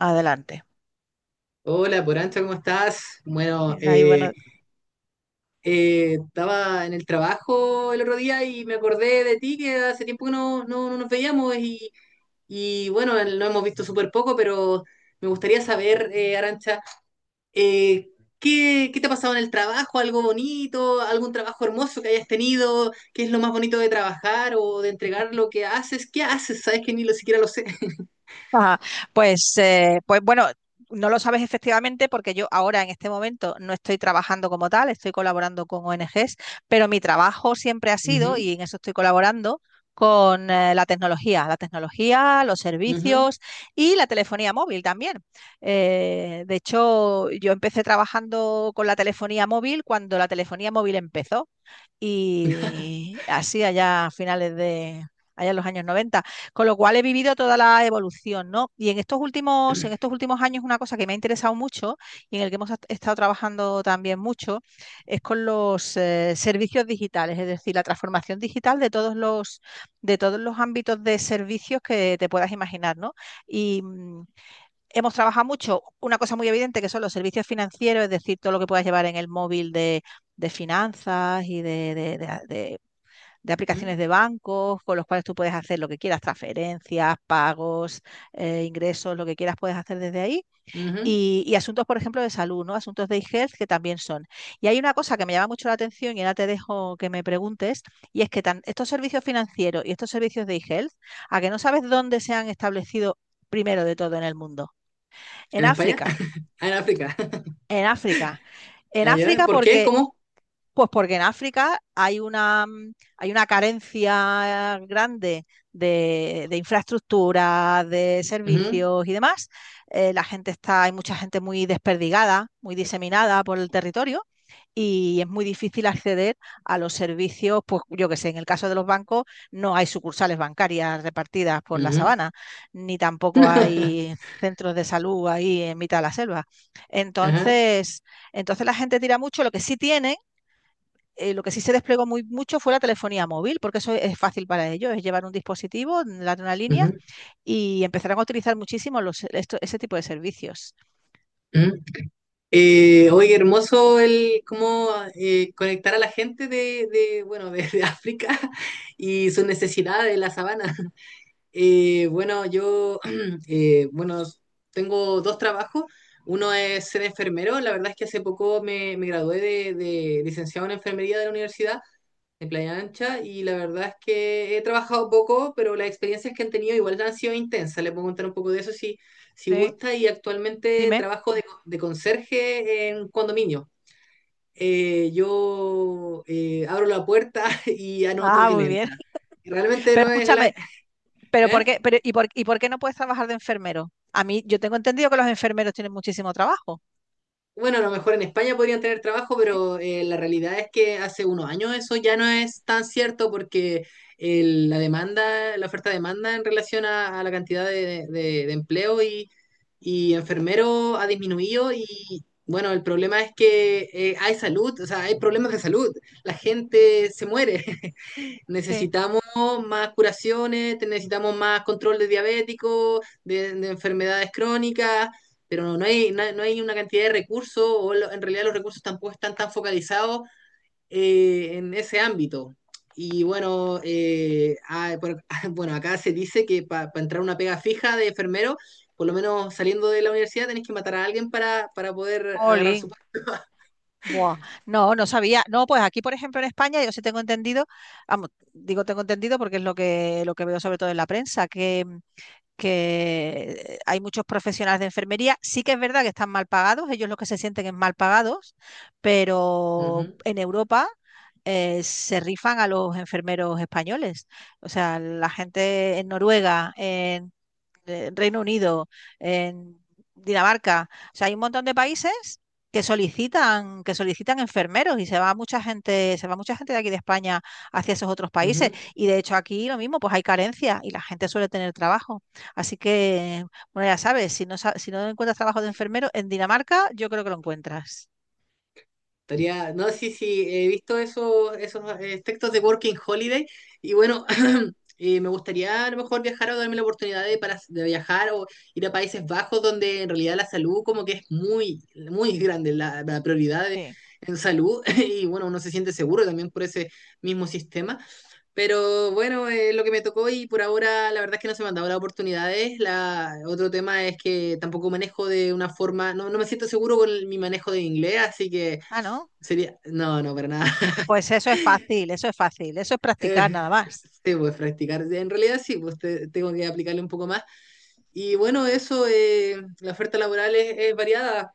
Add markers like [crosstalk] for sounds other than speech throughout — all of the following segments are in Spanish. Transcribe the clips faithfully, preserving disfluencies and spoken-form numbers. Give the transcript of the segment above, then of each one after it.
Adelante. Hola, Porancha, ¿cómo estás? Bueno, Ahí eh, bueno, eh, Estaba en el trabajo el otro día y me acordé de ti, que hace tiempo que no, no- no nos veíamos y, y, bueno, lo hemos visto súper poco, pero me gustaría saber, eh, Arancha, eh, ¿qué, qué te ha pasado en el trabajo? ¿Algo bonito? ¿Algún trabajo hermoso que hayas tenido? ¿Qué es lo más bonito de trabajar o de entregar lo que haces? ¿Qué haces? Sabes que ni lo siquiera lo sé. [laughs] ajá. Pues, eh, pues bueno, no lo sabes efectivamente porque yo ahora en este momento no estoy trabajando como tal, estoy colaborando con O N Gs, pero mi trabajo siempre ha sido, Ujú, y en eso estoy colaborando, con eh, la tecnología, la tecnología, los ujú, servicios y la telefonía móvil también. Eh, de hecho, yo empecé trabajando con la telefonía móvil cuando la telefonía móvil empezó. Y así allá a finales de, allá en los años noventa, con lo cual he vivido toda la evolución, ¿no? Y en estos últimos, en estos últimos años una cosa que me ha interesado mucho y en el que hemos estado trabajando también mucho es con los eh, servicios digitales, es decir, la transformación digital de todos los de todos los ámbitos de servicios que te puedas imaginar, ¿no? Y, mm, hemos trabajado mucho una cosa muy evidente que son los servicios financieros, es decir, todo lo que puedas llevar en el móvil de, de finanzas y de, de, de, de de ujú, aplicaciones de bancos con los cuales tú puedes hacer lo que quieras: transferencias, pagos, eh, ingresos, lo que quieras puedes hacer desde ahí. ujú. Y, y asuntos, por ejemplo, de salud, ¿no? Asuntos de e-health que también son. Y hay una cosa que me llama mucho la atención y ahora te dejo que me preguntes, y es que tan, estos servicios financieros y estos servicios de e-health, a que no sabes dónde se han establecido primero de todo en el mundo. En ¿En España? África, [laughs] Ah, en África. [laughs] en África. En Ah, ¿ya? África ¿Por qué? porque ¿Cómo? pues porque en África hay una, hay una carencia grande de, de infraestructura, de Ujú, servicios y demás. Eh, la gente está, hay mucha gente muy desperdigada, muy diseminada por el territorio y es muy difícil acceder a los servicios, pues yo que sé, en el caso de los bancos no hay sucursales bancarias repartidas por la ujú. sabana, ni tampoco hay [laughs] centros de salud ahí en mitad de la selva. Ajá, Entonces, entonces la gente tira mucho, lo que sí tienen eh, lo que sí se desplegó muy mucho fue la telefonía móvil, porque eso es fácil para ellos, es llevar un dispositivo, dar una línea ujú, y empezarán a utilizar muchísimo los, esto, ese tipo de servicios. ujú. Eh, oye, hermoso el cómo eh, conectar a la gente de, de, bueno, de, de África [laughs] y sus necesidades de la sabana. Eh, bueno, yo, [clears throat] eh, bueno, tengo dos trabajos. Uno es ser enfermero. La verdad es que hace poco me, me gradué de, de licenciado en enfermería de la universidad de playa ancha, y la verdad es que he trabajado poco, pero las experiencias que han tenido igual han sido intensas. Le puedo contar un poco de eso si si ¿Sí? gusta, y actualmente Dime. trabajo de, de conserje en condominio. Eh, yo eh, abro la puerta [laughs] y anoto Ah, quién muy bien. entra. Y realmente Pero no es la... escúchame, pero ¿por ¿eh? qué, pero, y, por, ¿y por qué no puedes trabajar de enfermero? A mí, yo tengo entendido que los enfermeros tienen muchísimo trabajo. Bueno, a lo mejor en España podrían tener trabajo, Sí, pero eh, la realidad es que hace unos años eso ya no es tan cierto porque el- la demanda, la oferta-demanda en relación a, a la cantidad de, de- de empleo y, y enfermeros ha disminuido, y bueno, el problema es que eh, hay salud, o sea, hay problemas de salud, la gente se muere. [laughs] sí. Necesitamos más curaciones, necesitamos más control de diabéticos, de, de enfermedades crónicas, pero no, no hay, no, hay no hay una cantidad de recursos, o lo- en realidad los recursos tampoco están tan focalizados eh, en ese ámbito. Y bueno, eh, ah, por- [laughs] bueno, acá se dice que para entrar a una pega fija de enfermero, por lo menos saliendo de la universidad, tenés que matar a alguien para, para poder agarrar su Jolín. puesto. Buah, no, no sabía. No, pues aquí, por ejemplo, en España, yo sí tengo entendido, vamos, digo tengo entendido porque es lo que, lo que veo sobre todo en la prensa, que que hay muchos profesionales de enfermería. Sí que es verdad que están mal pagados, ellos lo que se sienten es mal pagados, pero en Europa eh, se rifan a los enfermeros españoles. O sea, la gente en Noruega, en eh, Reino Unido, en Dinamarca. O sea, hay un montón de países que solicitan, que solicitan enfermeros y se va mucha gente, se va mucha gente de aquí de España hacia esos otros Ujú, ujú. países. Y de hecho aquí lo mismo, pues hay carencia y la gente suele tener trabajo. Así que, bueno, ya sabes, si no, sa- si no encuentras trabajo de enfermero en Dinamarca, yo creo que lo encuentras. Estaría, no, sí, sí, he visto esos, esos eh, textos de Working Holiday, y bueno, [clears throat] eh, me gustaría a lo mejor viajar o darme la oportunidad de, para, de viajar o ir a Países Bajos, donde en realidad la salud como que es muy, muy grande, la, la prioridad de- Sí. en salud [laughs] y bueno, uno se siente seguro también por ese mismo sistema. Pero bueno, eh, lo que me tocó, y por ahora la verdad es que no se me han dado las oportunidades. La, otro tema es que tampoco manejo de una forma, no, no me siento seguro con el- mi manejo de inglés, así que... Ah, ¿no? Sería, no, no, para nada. [laughs] Pues eso es fácil, eso es fácil, eso es practicar Eh, nada más. sí, pues practicar. En realidad sí, pues te- tengo que aplicarle un poco más. Y bueno, eso, eh, la oferta laboral es, es variada.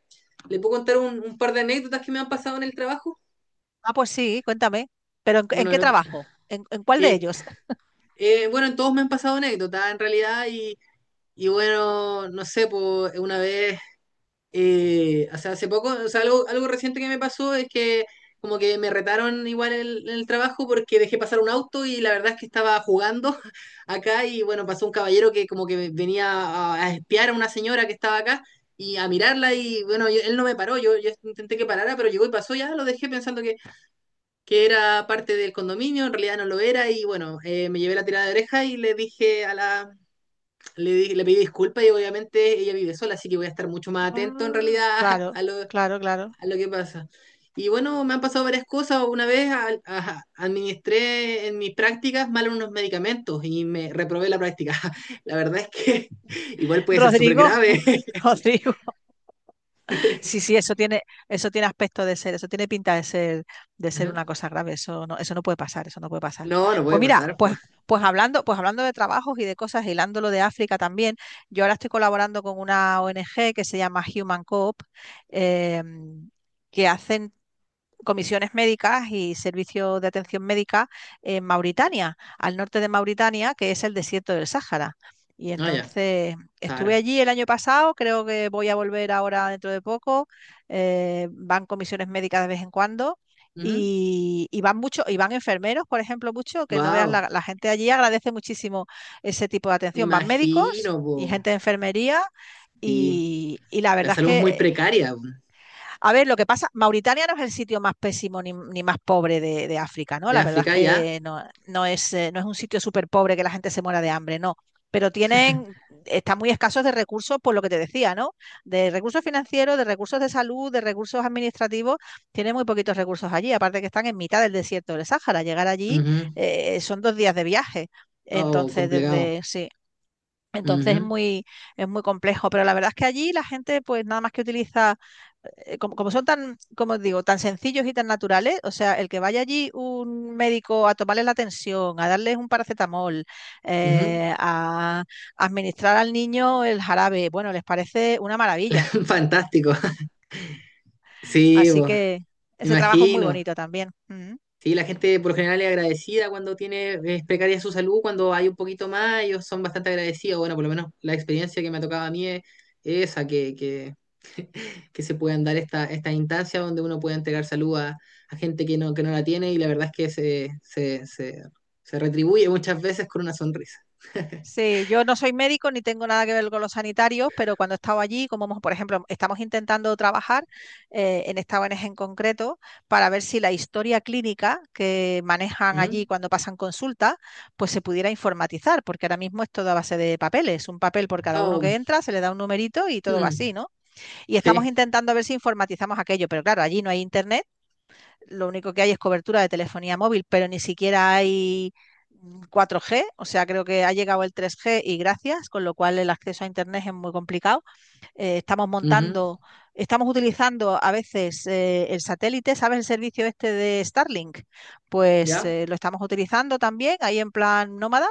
¿Le puedo contar un, un par de anécdotas que me han pasado en el trabajo? Ah, pues sí, cuéntame. ¿Pero en, en Bueno, qué el otro- trabajo? ¿En, en cuál de eh, ellos? eh, bueno, en todos me han pasado anécdotas, en realidad, y, y bueno, no sé, pues una vez Eh, o sea, hace poco, o sea, algo, algo reciente que me pasó es que como que me retaron igual en el, en el trabajo porque dejé pasar un auto, y la verdad es que estaba jugando [laughs] acá, y bueno, pasó un caballero que como que venía a, a espiar a una señora que estaba acá y a mirarla, y bueno, yo- él no me paró, yo, yo intenté que parara, pero llegó y pasó, ya lo dejé pensando que, que era parte del condominio, en realidad no lo era, y bueno, eh, me llevé la tirada de oreja y le dije a la, le, di- le pedí disculpas, y obviamente ella vive sola, así que voy a estar mucho más atento en Ah, realidad [laughs] a, claro, a lo, a claro, claro. lo que pasa. Y bueno, me han pasado varias cosas. Una vez al- a- administré en mis prácticas mal unos medicamentos y me reprobé la práctica. [laughs] La verdad es que [laughs] igual puede ser súper Rodrigo, grave. [laughs] Rodrigo. Sí, sí, [laughs] eso tiene, eso tiene aspecto de ser, eso tiene pinta de ser, de ser Ajá. una cosa grave. Eso no, eso no puede pasar, eso no puede pasar. No, no Pues puede mira, pasar, pues, pues. pues hablando, pues hablando de trabajos y de cosas, hilando lo de África también, yo ahora estoy colaborando con una O N G que se llama Human Coop, em, que hacen comisiones médicas y servicios de atención médica en Mauritania, al norte de Mauritania, que es el desierto del Sáhara. Y Ah, ya, entonces estuve Sara. allí el año pasado, creo que voy a volver ahora dentro de poco. eh, van comisiones médicas de vez en cuando y, y van mucho, y van enfermeros, por ejemplo, mucho, que no veas Wow, la, la gente allí agradece muchísimo ese tipo de me atención. Van médicos imagino, po. y gente de enfermería Sí, y, y la la verdad es salud es muy que precaria po. a ver, lo que pasa, Mauritania no es el sitio más pésimo ni, ni más pobre de, de, África, ¿no? De La verdad es África ya. que no, no es, eh, no es un sitio súper pobre que la gente se muera de hambre, no. Pero tienen, están muy escasos de recursos, por lo que te decía, ¿no? De recursos financieros, de recursos de salud, de recursos administrativos, tienen muy poquitos recursos allí. Aparte que están en mitad del desierto del Sáhara. Llegar allí Ujú. eh, son dos días de viaje. Oh, Entonces, complicado. desde, sí, entonces es Ujú. muy, es muy complejo, pero la verdad es que allí la gente pues nada más que utiliza, eh, como, como son tan, como digo, tan sencillos y tan naturales, o sea, el que vaya allí un médico a tomarle la tensión, a darles un paracetamol, Ujú. eh, a administrar al niño el jarabe, bueno, les parece una maravilla. [laughs] Fantástico. Sí, Así pues, que ese trabajo es muy imagino. bonito también. Sí, la gente por lo general es agradecida; cuando tiene, es precaria su salud, cuando hay un poquito más, ellos son bastante agradecidos. Bueno, por lo menos la experiencia que me ha tocado a mí es esa, que, que, [laughs] que se puedan dar esta, esta instancia donde uno puede entregar salud a, a gente que no, que no la tiene, y la verdad es que se, se, se, se retribuye muchas veces con una sonrisa. Sí, yo no soy médico ni tengo nada que ver con los sanitarios, pero cuando he estado allí, como hemos- por ejemplo, estamos intentando trabajar eh, en esta O N G en concreto para ver si la historia clínica que manejan allí ¿Mm? cuando pasan consulta, pues se pudiera informatizar, porque ahora mismo es todo a base de papeles, un papel por cada uno que Oh, entra, se le da un numerito y todo va mm, así, ¿no? Y estamos sí, intentando ver si informatizamos aquello, pero claro, allí no hay internet, lo único que hay es cobertura de telefonía móvil, pero ni siquiera hay cuatro G, o sea, creo que ha llegado el tres G y gracias, con lo cual el acceso a Internet es muy complicado. Eh, estamos ujú, montando, estamos utilizando a veces eh, el satélite, ¿sabes el servicio este de Starlink? Pues ¿ya? eh, lo estamos utilizando también ahí en plan nómada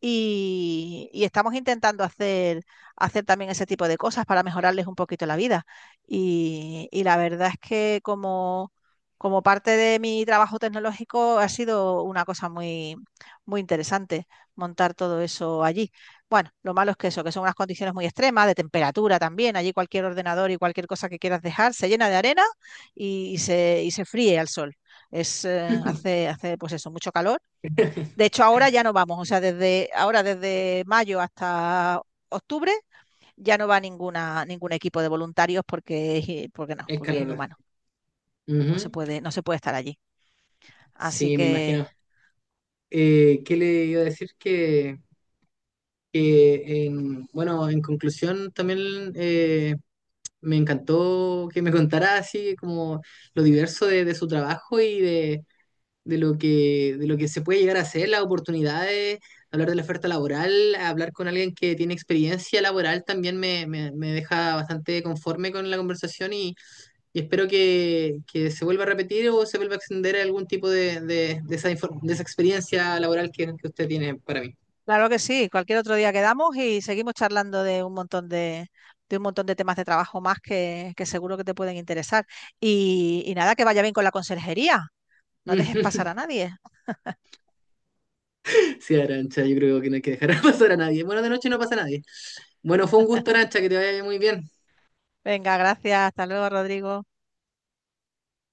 y, y estamos intentando hacer, hacer también ese tipo de cosas para mejorarles un poquito la vida. Y, y la verdad es que como, como parte de mi trabajo tecnológico ha sido una cosa muy, muy interesante montar todo eso allí. Bueno, lo malo es que eso, que son unas condiciones muy extremas, de temperatura también. Allí cualquier ordenador y cualquier cosa que quieras dejar se llena de arena y, y se, y se fríe al sol. Es, eh, [laughs] hace, hace pues eso, mucho calor. De hecho, ahora ya no vamos, o sea, desde ahora, desde mayo hasta octubre, ya no va ninguna, ningún equipo de voluntarios porque, porque no, Es porque es calor. inhumano. No se puede, no se puede estar allí. Así Sí, me que, imagino. Eh, ¿qué le iba a decir? Que, que en, bueno, en conclusión también eh, me encantó que me contara así como lo diverso de, de su trabajo y de, de lo que, de lo que se puede llegar a hacer, las oportunidades, hablar de la oferta laboral, hablar con alguien que tiene experiencia laboral también me, me, me deja bastante conforme con la conversación, y espero que, que se vuelva a repetir o se vuelva a extender algún tipo de, de, de esa, infor- de esa experiencia laboral que, que usted tiene para mí. claro que sí, cualquier otro día quedamos y seguimos charlando de un montón de, de un montón de temas de trabajo más que, que seguro que te pueden interesar. Y, y nada, que vaya bien con la conserjería. No dejes pasar a [laughs] nadie. Sí, Arancha, yo creo que no hay que dejar [laughs] pasar a nadie. Bueno, de noche no pasa a nadie. Bueno, fue un gusto, Arancha, que te vaya muy bien. Venga, gracias. Hasta luego, Rodrigo.